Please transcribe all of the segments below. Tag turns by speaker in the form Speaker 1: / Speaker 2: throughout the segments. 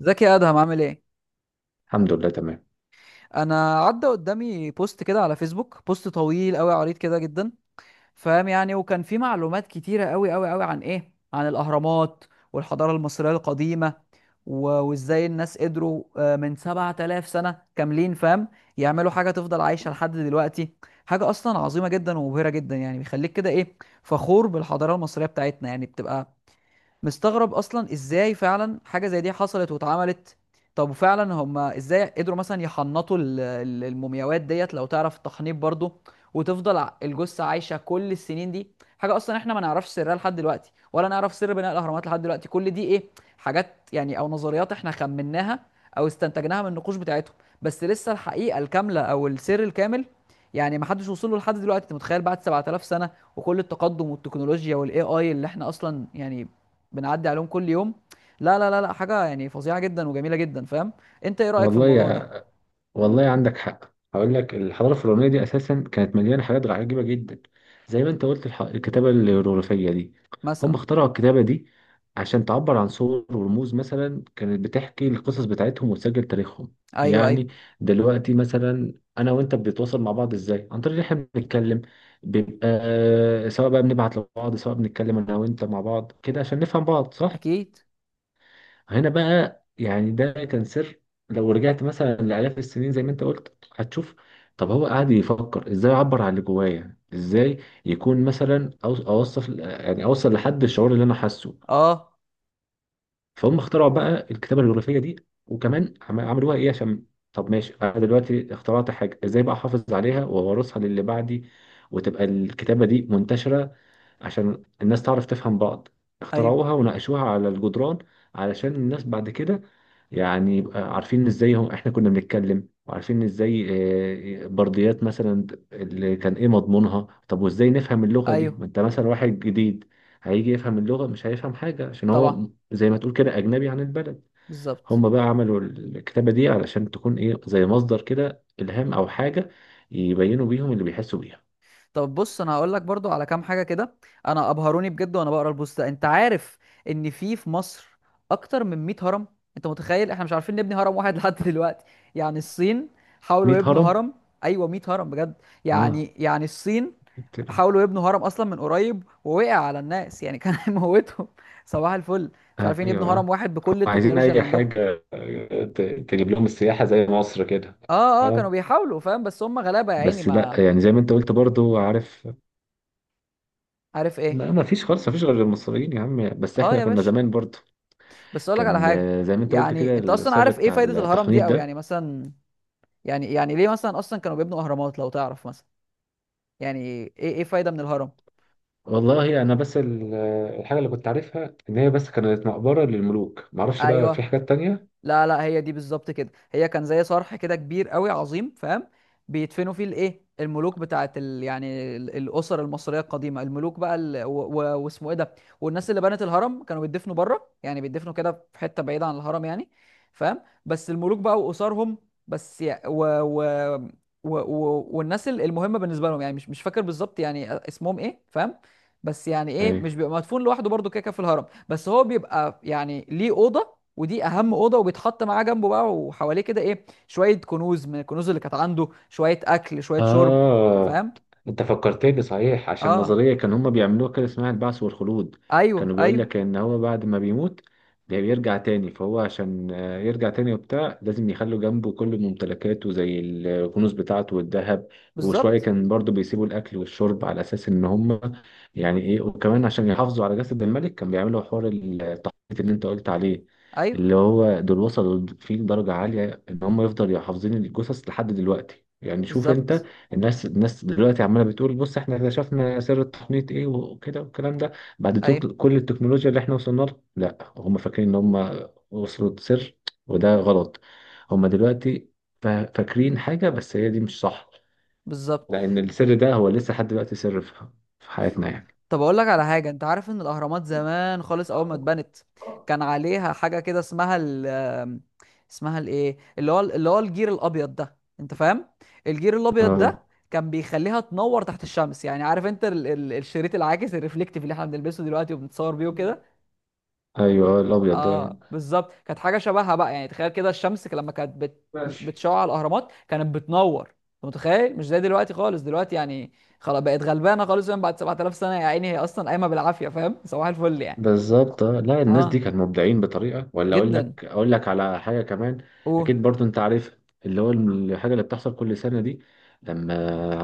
Speaker 1: ازيك يا ادهم عامل ايه؟
Speaker 2: الحمد لله تمام.
Speaker 1: انا عدى قدامي بوست كده على فيسبوك, بوست طويل قوي عريض كده جدا, فاهم يعني, وكان فيه معلومات كتيره قوي قوي قوي عن ايه, عن الاهرامات والحضاره المصريه القديمه. و- وازاي الناس قدروا, من 7000 سنه كاملين, فاهم, يعملوا حاجه تفضل عايشه لحد دلوقتي. حاجه اصلا عظيمه جدا ومبهره جدا, يعني بيخليك كده ايه, فخور بالحضاره المصريه بتاعتنا, يعني بتبقى مستغرب اصلا ازاي فعلا حاجه زي دي حصلت واتعملت. طب وفعلا هم ازاي قدروا مثلا يحنطوا المومياوات ديت, لو تعرف التحنيط برضو, وتفضل الجثه عايشه كل السنين دي. حاجه اصلا احنا ما نعرفش سرها لحد دلوقتي, ولا نعرف سر بناء الاهرامات لحد دلوقتي, كل دي ايه, حاجات يعني او نظريات احنا خمناها او استنتجناها من النقوش بتاعتهم, بس لسه الحقيقه الكامله او السر الكامل يعني ما حدش وصل له لحد دلوقتي. انت متخيل بعد 7000 سنه وكل التقدم والتكنولوجيا والاي اي اللي احنا اصلا يعني بنعدي عليهم كل يوم؟ لا لا لا لا, حاجه يعني فظيعه جدا وجميله جدا, فاهم. انت ايه رايك في
Speaker 2: والله
Speaker 1: الموضوع ده؟
Speaker 2: يا... والله عندك حق، هقول لك الحضاره الفرعونيه دي اساسا كانت مليانه حاجات عجيبه جدا. زي ما انت قلت الكتابه الهيروغليفيه دي، هم
Speaker 1: مثلا.
Speaker 2: اخترعوا الكتابه دي عشان تعبر عن صور ورموز. مثلا كانت بتحكي القصص بتاعتهم وتسجل تاريخهم.
Speaker 1: ايوه ايوه.
Speaker 2: يعني دلوقتي مثلا انا وانت بنتواصل مع بعض ازاي؟ عن طريق ان احنا بنتكلم، بيبقى سواء بقى بنبعت لبعض، سواء بنتكلم انا وانت مع بعض كده عشان نفهم بعض، صح؟
Speaker 1: اكيد.
Speaker 2: هنا بقى يعني ده كان سر. لو رجعت مثلا لآلاف السنين زي ما انت قلت هتشوف، طب هو قاعد يفكر ازاي اعبر عن اللي جوايا، ازاي يكون مثلا اوصف يعني اوصل لحد الشعور اللي انا حاسه.
Speaker 1: اه.
Speaker 2: فهم اخترعوا بقى الكتابة الجغرافية دي، وكمان عملوها ايه عشان، طب ماشي انا دلوقتي اخترعت حاجة، ازاي بقى احافظ عليها وورثها للي بعدي وتبقى الكتابة دي منتشرة عشان الناس تعرف تفهم بعض.
Speaker 1: ايوه
Speaker 2: اخترعوها وناقشوها على الجدران علشان الناس بعد كده يعني يبقى عارفين ازاي هم احنا كنا بنتكلم، وعارفين ازاي. برديات مثلا، اللي كان ايه مضمونها، طب وازاي نفهم اللغة دي؟
Speaker 1: ايوه.
Speaker 2: ما انت مثلا واحد جديد هيجي يفهم اللغة، مش هيفهم حاجة، عشان
Speaker 1: طبعا.
Speaker 2: هو زي ما تقول كده أجنبي عن البلد.
Speaker 1: بالظبط.
Speaker 2: هم بقى عملوا الكتابة دي علشان تكون ايه، زي مصدر كده إلهام أو حاجة، يبينوا بيهم اللي بيحسوا بيها.
Speaker 1: طب بص, انا هقول لك برضو على كام حاجه كده. انا ابهروني بجد وانا بقرا البوست ده. انت عارف ان في مصر اكتر من 100 هرم؟ انت متخيل احنا مش عارفين نبني هرم واحد لحد دلوقتي؟ يعني الصين حاولوا
Speaker 2: 100
Speaker 1: يبنوا
Speaker 2: هرم؟
Speaker 1: هرم. ايوه, 100 هرم بجد. يعني
Speaker 2: اه،
Speaker 1: يعني الصين حاولوا يبنوا هرم اصلا من قريب ووقع على الناس, يعني كان هيموتهم. صباح الفل, مش عارفين يبنوا
Speaker 2: ايوه هم
Speaker 1: هرم واحد بكل
Speaker 2: عايزين
Speaker 1: التكنولوجيا اللي
Speaker 2: اي
Speaker 1: عندهم.
Speaker 2: حاجه ت- تجيب لهم السياحه زي مصر كده.
Speaker 1: اه اه, كانوا
Speaker 2: اه،
Speaker 1: بيحاولوا, فاهم, بس هم غلابه يا عيني.
Speaker 2: بس لا
Speaker 1: ما
Speaker 2: يعني زي ما انت قلت برضو، عارف،
Speaker 1: عارف ايه.
Speaker 2: ما فيش خالص، ما فيش غير المصريين يا عم، بس
Speaker 1: اه
Speaker 2: احنا
Speaker 1: يا
Speaker 2: كنا
Speaker 1: باشا,
Speaker 2: زمان برضو
Speaker 1: بس اقول لك على
Speaker 2: كان،
Speaker 1: حاجه.
Speaker 2: زي ما انت قلت
Speaker 1: يعني
Speaker 2: كده،
Speaker 1: انت اصلا
Speaker 2: السر
Speaker 1: عارف ايه
Speaker 2: بتاع
Speaker 1: فايده الهرم
Speaker 2: التحنيط
Speaker 1: دي, او يعني
Speaker 2: ده.
Speaker 1: مثلا يعني ليه مثلا اصلا كانوا بيبنوا اهرامات؟ لو تعرف مثلا يعني ايه ايه فايده من الهرم.
Speaker 2: والله انا بس الحاجه اللي كنت عارفها ان هي بس كانت مقبره للملوك، معرفش بقى في
Speaker 1: ايوه.
Speaker 2: حاجات تانية.
Speaker 1: لا لا, هي دي بالظبط كده, هي كان زي صرح كده كبير قوي عظيم, فاهم, بيدفنوا فيه الايه, الملوك بتاعت ال... يعني الاسر المصريه القديمه, الملوك بقى ال... و... و... واسمه ايه ده, والناس اللي بنت الهرم كانوا بيدفنوا بره, يعني بيدفنوا كده في حته بعيده عن الهرم يعني, فاهم, بس الملوك بقى واسرهم. بس يع- و... و... و... و... والناس المهمه بالنسبه لهم, يعني مش فاكر بالظبط يعني اسمهم ايه, فاهم, بس يعني ايه, مش
Speaker 2: ايوه.
Speaker 1: بيبقى مدفون لوحده برضه كده كده في الهرم, بس هو بيبقى يعني ليه اوضه, ودي اهم اوضه, وبيتحط معاه جنبه بقى وحواليه كده ايه, شويه كنوز من الكنوز اللي كانت عنده, شويه اكل شويه شرب,
Speaker 2: آه،
Speaker 1: فاهم.
Speaker 2: أنت فكرتني صحيح، عشان
Speaker 1: اه
Speaker 2: نظرية كان هما بيعملوها كده اسمها البعث والخلود.
Speaker 1: ايوه
Speaker 2: كانوا بيقول
Speaker 1: ايوه.
Speaker 2: لك إن هو بعد ما بيموت بيرجع تاني، فهو عشان يرجع تاني وبتاع، لازم يخلوا جنبه كل ممتلكاته زي الكنوز بتاعته والذهب وشوية،
Speaker 1: بالظبط.
Speaker 2: كان برضو بيسيبوا الأكل والشرب على أساس إن هما يعني إيه. وكمان عشان يحافظوا على جسد الملك كان بيعملوا حوار التحنيط اللي أنت قلت عليه،
Speaker 1: ايوه.
Speaker 2: اللي هو دول وصلوا فيه لدرجة عالية إن هم يفضلوا حافظين الجثث لحد دلوقتي. يعني شوف أنت،
Speaker 1: بالظبط.
Speaker 2: الناس دلوقتي عماله بتقول، بص احنا اكتشفنا سر التقنية ايه وكده والكلام ده، بعد
Speaker 1: ايوه.
Speaker 2: كل التكنولوجيا اللي احنا وصلنا لها. لا، هم فاكرين ان هم وصلوا لسر، وده غلط. هم دلوقتي فاكرين حاجة بس هي دي مش صح،
Speaker 1: بالظبط.
Speaker 2: لأن السر ده هو لسه لحد دلوقتي سر في حياتنا يعني.
Speaker 1: طب اقول لك على حاجه, انت عارف ان الاهرامات زمان خالص اول ما اتبنت كان عليها حاجه كده اسمها ال آم، اسمها الايه, اللي هو اللي هو الجير الابيض ده, انت فاهم, الجير الابيض
Speaker 2: اه
Speaker 1: ده كان بيخليها تنور تحت الشمس. يعني عارف انت ال ال الشريط العاكس الريفليكتيف اللي احنا بنلبسه دلوقتي وبنتصور بيه وكده؟
Speaker 2: ايوه الابيض ده.
Speaker 1: اه بالظبط, كانت حاجه شبهها بقى. يعني تخيل كده الشمس لما كانت
Speaker 2: ماشي.
Speaker 1: بتشع على الاهرامات كانت بتنور, انت متخيل, مش زي دلوقتي خالص. دلوقتي يعني خلاص بقت غلبانه خالص, يعني بعد 7000 سنه يا عيني هي اصلا قايمه بالعافيه, فاهم, صباح الفل يعني.
Speaker 2: بالظبط. آه. لا الناس دي
Speaker 1: اه,
Speaker 2: كانوا مبدعين بطريقه ولا، اقول
Speaker 1: جدا.
Speaker 2: لك اقول لك على حاجه كمان،
Speaker 1: قول.
Speaker 2: اكيد برضو انت عارف اللي هو الحاجه اللي بتحصل كل سنه دي، لما،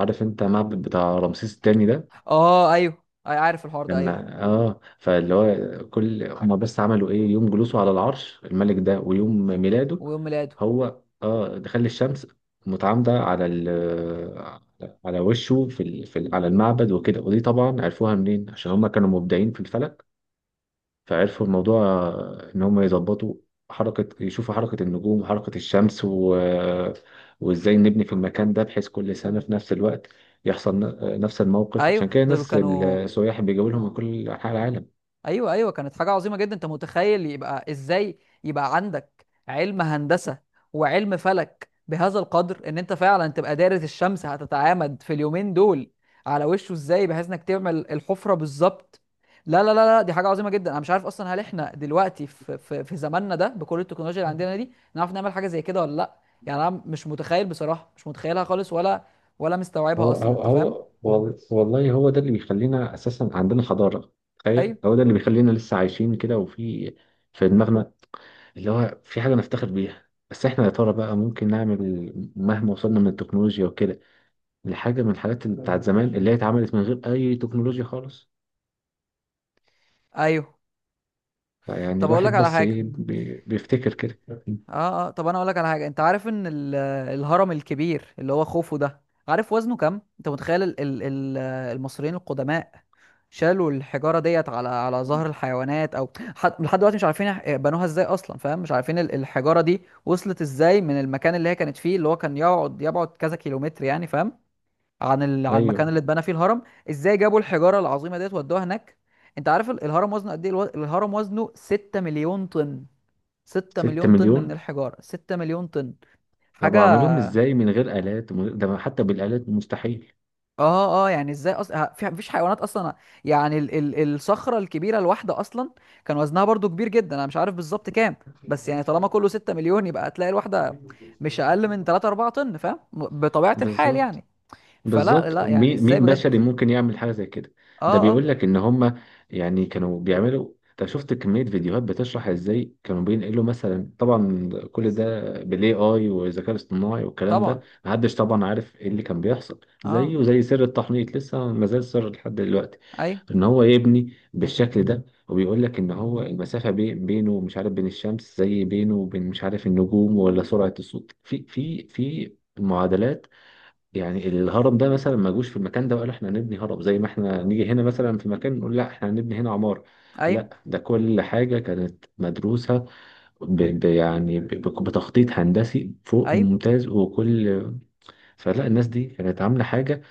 Speaker 2: عارف انت معبد بتاع رمسيس الثاني ده؟
Speaker 1: اه ايوه, اي عارف الحوار ده, ايوه.
Speaker 2: لما اه، فاللي هو كل هما بس عملوا ايه يوم جلوسه على العرش الملك ده ويوم ميلاده،
Speaker 1: ويوم ميلاده.
Speaker 2: هو اه دخل الشمس متعامده على على وشه في على المعبد وكده. ودي طبعا عرفوها منين؟ عشان هما كانوا مبدعين في الفلك. فعرفوا الموضوع، إن هم يظبطوا حركة، يشوفوا حركة النجوم وحركة الشمس وإزاي نبني في المكان ده بحيث كل سنة في نفس الوقت يحصل نفس الموقف.
Speaker 1: ايوه
Speaker 2: عشان كده
Speaker 1: دول
Speaker 2: الناس
Speaker 1: كانوا,
Speaker 2: السياح بيجوا لهم من كل أنحاء العالم.
Speaker 1: ايوه ايوه, كانت حاجه عظيمه جدا. انت متخيل يبقى ازاي يبقى عندك علم هندسه وعلم فلك بهذا القدر ان انت فعلا تبقى دارس الشمس هتتعامد في اليومين دول على وشه ازاي بحيث انك تعمل الحفره بالظبط؟ لا لا لا لا, دي حاجه عظيمه جدا. انا مش عارف اصلا, هل احنا دلوقتي في زماننا ده بكل التكنولوجيا اللي عندنا دي نعرف نعمل حاجه زي كده ولا لا؟ يعني انا مش متخيل بصراحه, مش متخيلها خالص ولا ولا مستوعبها اصلا, انت فاهم.
Speaker 2: والله هو ده اللي بيخلينا أساسا عندنا حضارة.
Speaker 1: ايوه
Speaker 2: تخيل، هو ده اللي بيخلينا لسه عايشين كده، وفي دماغنا اللي هو في حاجة نفتخر بيها. بس احنا يا ترى بقى ممكن نعمل مهما وصلنا من التكنولوجيا وكده لحاجة من الحاجات اللي بتاعت زمان اللي هي اتعملت من غير أي تكنولوجيا خالص؟
Speaker 1: ايوه.
Speaker 2: يعني
Speaker 1: طب اقول لك
Speaker 2: الواحد
Speaker 1: على
Speaker 2: بس
Speaker 1: حاجه,
Speaker 2: إيه بيفتكر كده.
Speaker 1: اه اه, طب انا اقول لك على حاجه, انت عارف ان الهرم الكبير اللي هو خوفو ده, عارف وزنه كام؟ انت متخيل ال ال ال المصريين القدماء شالوا الحجاره ديت على على ظهر الحيوانات؟ او حد لحد دلوقتي مش عارفين بنوها ازاي اصلا, فاهم, مش عارفين الحجاره دي وصلت ازاي من المكان اللي هي كانت فيه, اللي هو كان يقعد يبعد كذا كيلومتر يعني, فاهم, عن ال عن المكان
Speaker 2: أيوه.
Speaker 1: اللي اتبنى فيه الهرم. ازاي جابوا الحجاره العظيمه ديت ودوها هناك؟ انت عارف الهرم وزنه قد ايه؟ الهرم وزنه 6 مليون طن. 6
Speaker 2: ستة
Speaker 1: مليون طن من
Speaker 2: مليون
Speaker 1: الحجارة, 6 مليون طن
Speaker 2: طب
Speaker 1: حاجة.
Speaker 2: عملوهم إزاي من غير آلات، من غير، ده حتى بالآلات مستحيل.
Speaker 1: اه اه, يعني ازاي اصلا, في مفيش حيوانات اصلا. يعني ال ال الصخرة الكبيرة الواحدة اصلا كان وزنها برضو كبير جدا, انا مش عارف بالظبط كام, بس يعني طالما كله 6 مليون يبقى هتلاقي الواحدة مش اقل من 3 4 طن, فاهم, بطبيعة الحال
Speaker 2: بالظبط.
Speaker 1: يعني. فلا
Speaker 2: بالظبط،
Speaker 1: لا, يعني
Speaker 2: مين
Speaker 1: ازاي
Speaker 2: مين
Speaker 1: بجد؟
Speaker 2: بشري ممكن يعمل حاجه زي كده؟
Speaker 1: اه
Speaker 2: ده بيقول
Speaker 1: اه.
Speaker 2: لك ان هم يعني كانوا بيعملوا، انت شفت كميه فيديوهات بتشرح ازاي كانوا بينقلوا مثلا؟ طبعا كل ده بالاي اي والذكاء الاصطناعي والكلام ده.
Speaker 1: طبعا.
Speaker 2: محدش طبعا عارف ايه اللي كان بيحصل،
Speaker 1: اه
Speaker 2: زيه زي سر التحنيط لسه ما زال سر لحد دلوقتي،
Speaker 1: ايوه
Speaker 2: ان هو يبني بالشكل ده. وبيقول لك ان هو المسافه بينه مش عارف بين الشمس، زي بينه وبين مش عارف النجوم، ولا سرعه الصوت في معادلات. يعني الهرم ده مثلا ما جوش في المكان ده وقالوا احنا هنبني هرم زي ما احنا نيجي هنا مثلا في مكان نقول لا احنا هنبني هنا عمارة.
Speaker 1: ايوه
Speaker 2: لا ده كل حاجة كانت مدروسة ب يعني بتخطيط هندسي فوق
Speaker 1: ايوه,
Speaker 2: الممتاز وكل. فلا الناس دي كانت عاملة حاجة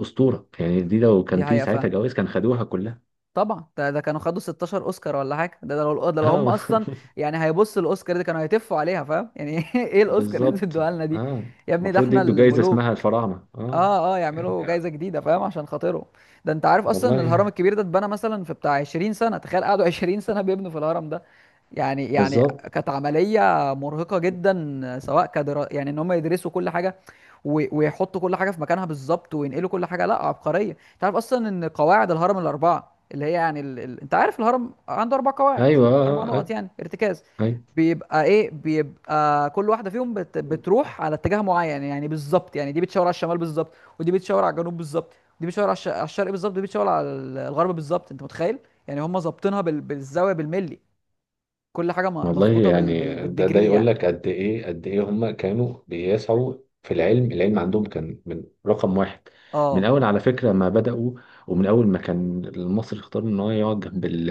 Speaker 2: أسطورة. يعني دي لو كان
Speaker 1: دي
Speaker 2: في
Speaker 1: حقيقة
Speaker 2: ساعتها
Speaker 1: فعلا.
Speaker 2: جوائز كان خدوها كلها.
Speaker 1: طبعا ده كانوا خدوا 16 اوسكار ولا حاجه. ده ده لو هم
Speaker 2: اه
Speaker 1: اصلا يعني هيبصوا الاوسكار دي كانوا هيتفوا عليها, فاهم, يعني ايه الاوسكار اللي انتوا
Speaker 2: بالظبط.
Speaker 1: ادوها لنا دي؟
Speaker 2: اه.
Speaker 1: يا ابني ده
Speaker 2: المفروض
Speaker 1: احنا
Speaker 2: يدوا جايزة اسمها
Speaker 1: الملوك.
Speaker 2: الفراعنة، اه.
Speaker 1: اه اه, يعملوا
Speaker 2: يعني آه،.
Speaker 1: جايزه جديده, فاهم, عشان خاطرهم. ده انت عارف اصلا ان الهرم
Speaker 2: والله.
Speaker 1: الكبير ده اتبنى مثلا في بتاع 20 سنه؟ تخيل قعدوا 20 سنه بيبنوا في الهرم ده. يعني يعني
Speaker 2: بالظبط.
Speaker 1: كانت عمليه مرهقه جدا, سواء كدرا يعني ان هم يدرسوا كل حاجه, ويحطوا كل حاجه في مكانها بالظبط, وينقلوا كل حاجه. لا عبقريه. انت عارف اصلا ان قواعد الهرم الاربعه اللي هي يعني ال... ال... انت عارف الهرم عنده اربع قواعد,
Speaker 2: ايوه.
Speaker 1: اربع
Speaker 2: اه
Speaker 1: نقط
Speaker 2: اه.
Speaker 1: يعني ارتكاز,
Speaker 2: آه، ايوه.
Speaker 1: بيبقى ايه, بيبقى كل واحده فيهم بتروح على اتجاه معين, يعني بالظبط, يعني دي بتشاور على الشمال بالظبط, ودي بتشاور على الجنوب بالظبط, ودي بتشاور على, على الشرق بالظبط, ودي بتشاور على الغرب بالظبط, انت متخيل؟ يعني هم ظابطينها بال... بالزاويه بالملي, كل حاجه
Speaker 2: والله
Speaker 1: مظبوطه بال...
Speaker 2: يعني
Speaker 1: بال...
Speaker 2: ده ده
Speaker 1: بالديجري
Speaker 2: يقول
Speaker 1: يعني.
Speaker 2: لك قد ايه قد ايه هم كانوا بيسعوا في العلم. العلم عندهم كان من رقم واحد. من
Speaker 1: اه
Speaker 2: اول على فكره ما بداوا، ومن اول ما كان المصري اختار ان هو يقعد جنب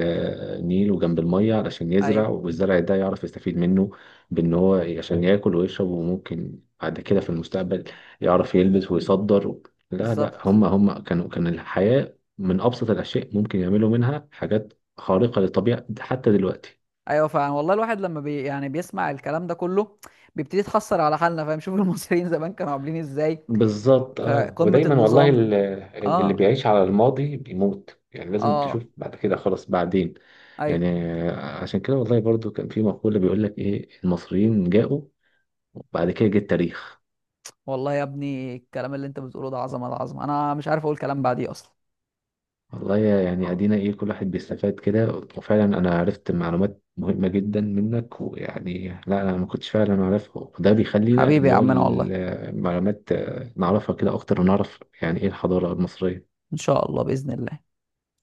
Speaker 2: النيل وجنب الميه علشان
Speaker 1: ايوه
Speaker 2: يزرع، والزرع ده يعرف يستفيد منه بان هو عشان ياكل ويشرب، وممكن بعد كده في المستقبل يعرف يلبس ويصدر. لا لا
Speaker 1: بالظبط.
Speaker 2: هم، كانوا كان الحياه من ابسط الاشياء ممكن يعملوا منها حاجات خارقه للطبيعه حتى دلوقتي.
Speaker 1: ايوه فعلا والله, الواحد لما يعني بيسمع الكلام ده كله بيبتدي يتحسر على حالنا, فاهم, شوف المصريين زمان كانوا عاملين ازاي.
Speaker 2: بالظبط. اه
Speaker 1: قمة
Speaker 2: ودايما والله
Speaker 1: النظام.
Speaker 2: اللي
Speaker 1: اه.
Speaker 2: بيعيش على الماضي بيموت، يعني لازم تشوف
Speaker 1: اه.
Speaker 2: بعد كده خلاص بعدين.
Speaker 1: ايوه.
Speaker 2: يعني عشان كده والله برضو كان في مقولة بيقول لك ايه، المصريين جاءوا وبعد كده جه التاريخ.
Speaker 1: والله يا ابني الكلام اللي انت بتقوله ده عظمة العظمة, انا مش عارف اقول كلام بعديه اصلا.
Speaker 2: والله يعني ادينا ايه، كل واحد بيستفاد كده. وفعلا انا عرفت معلومات مهمة جدا منك، ويعني لا انا ما كنتش فعلا اعرفها. وده بيخلينا
Speaker 1: حبيبي يا
Speaker 2: اللي هو
Speaker 1: عمنا والله,
Speaker 2: المعلومات، نعرفها كده اكتر، ونعرف يعني ايه الحضارة المصرية.
Speaker 1: ان شاء الله بإذن الله.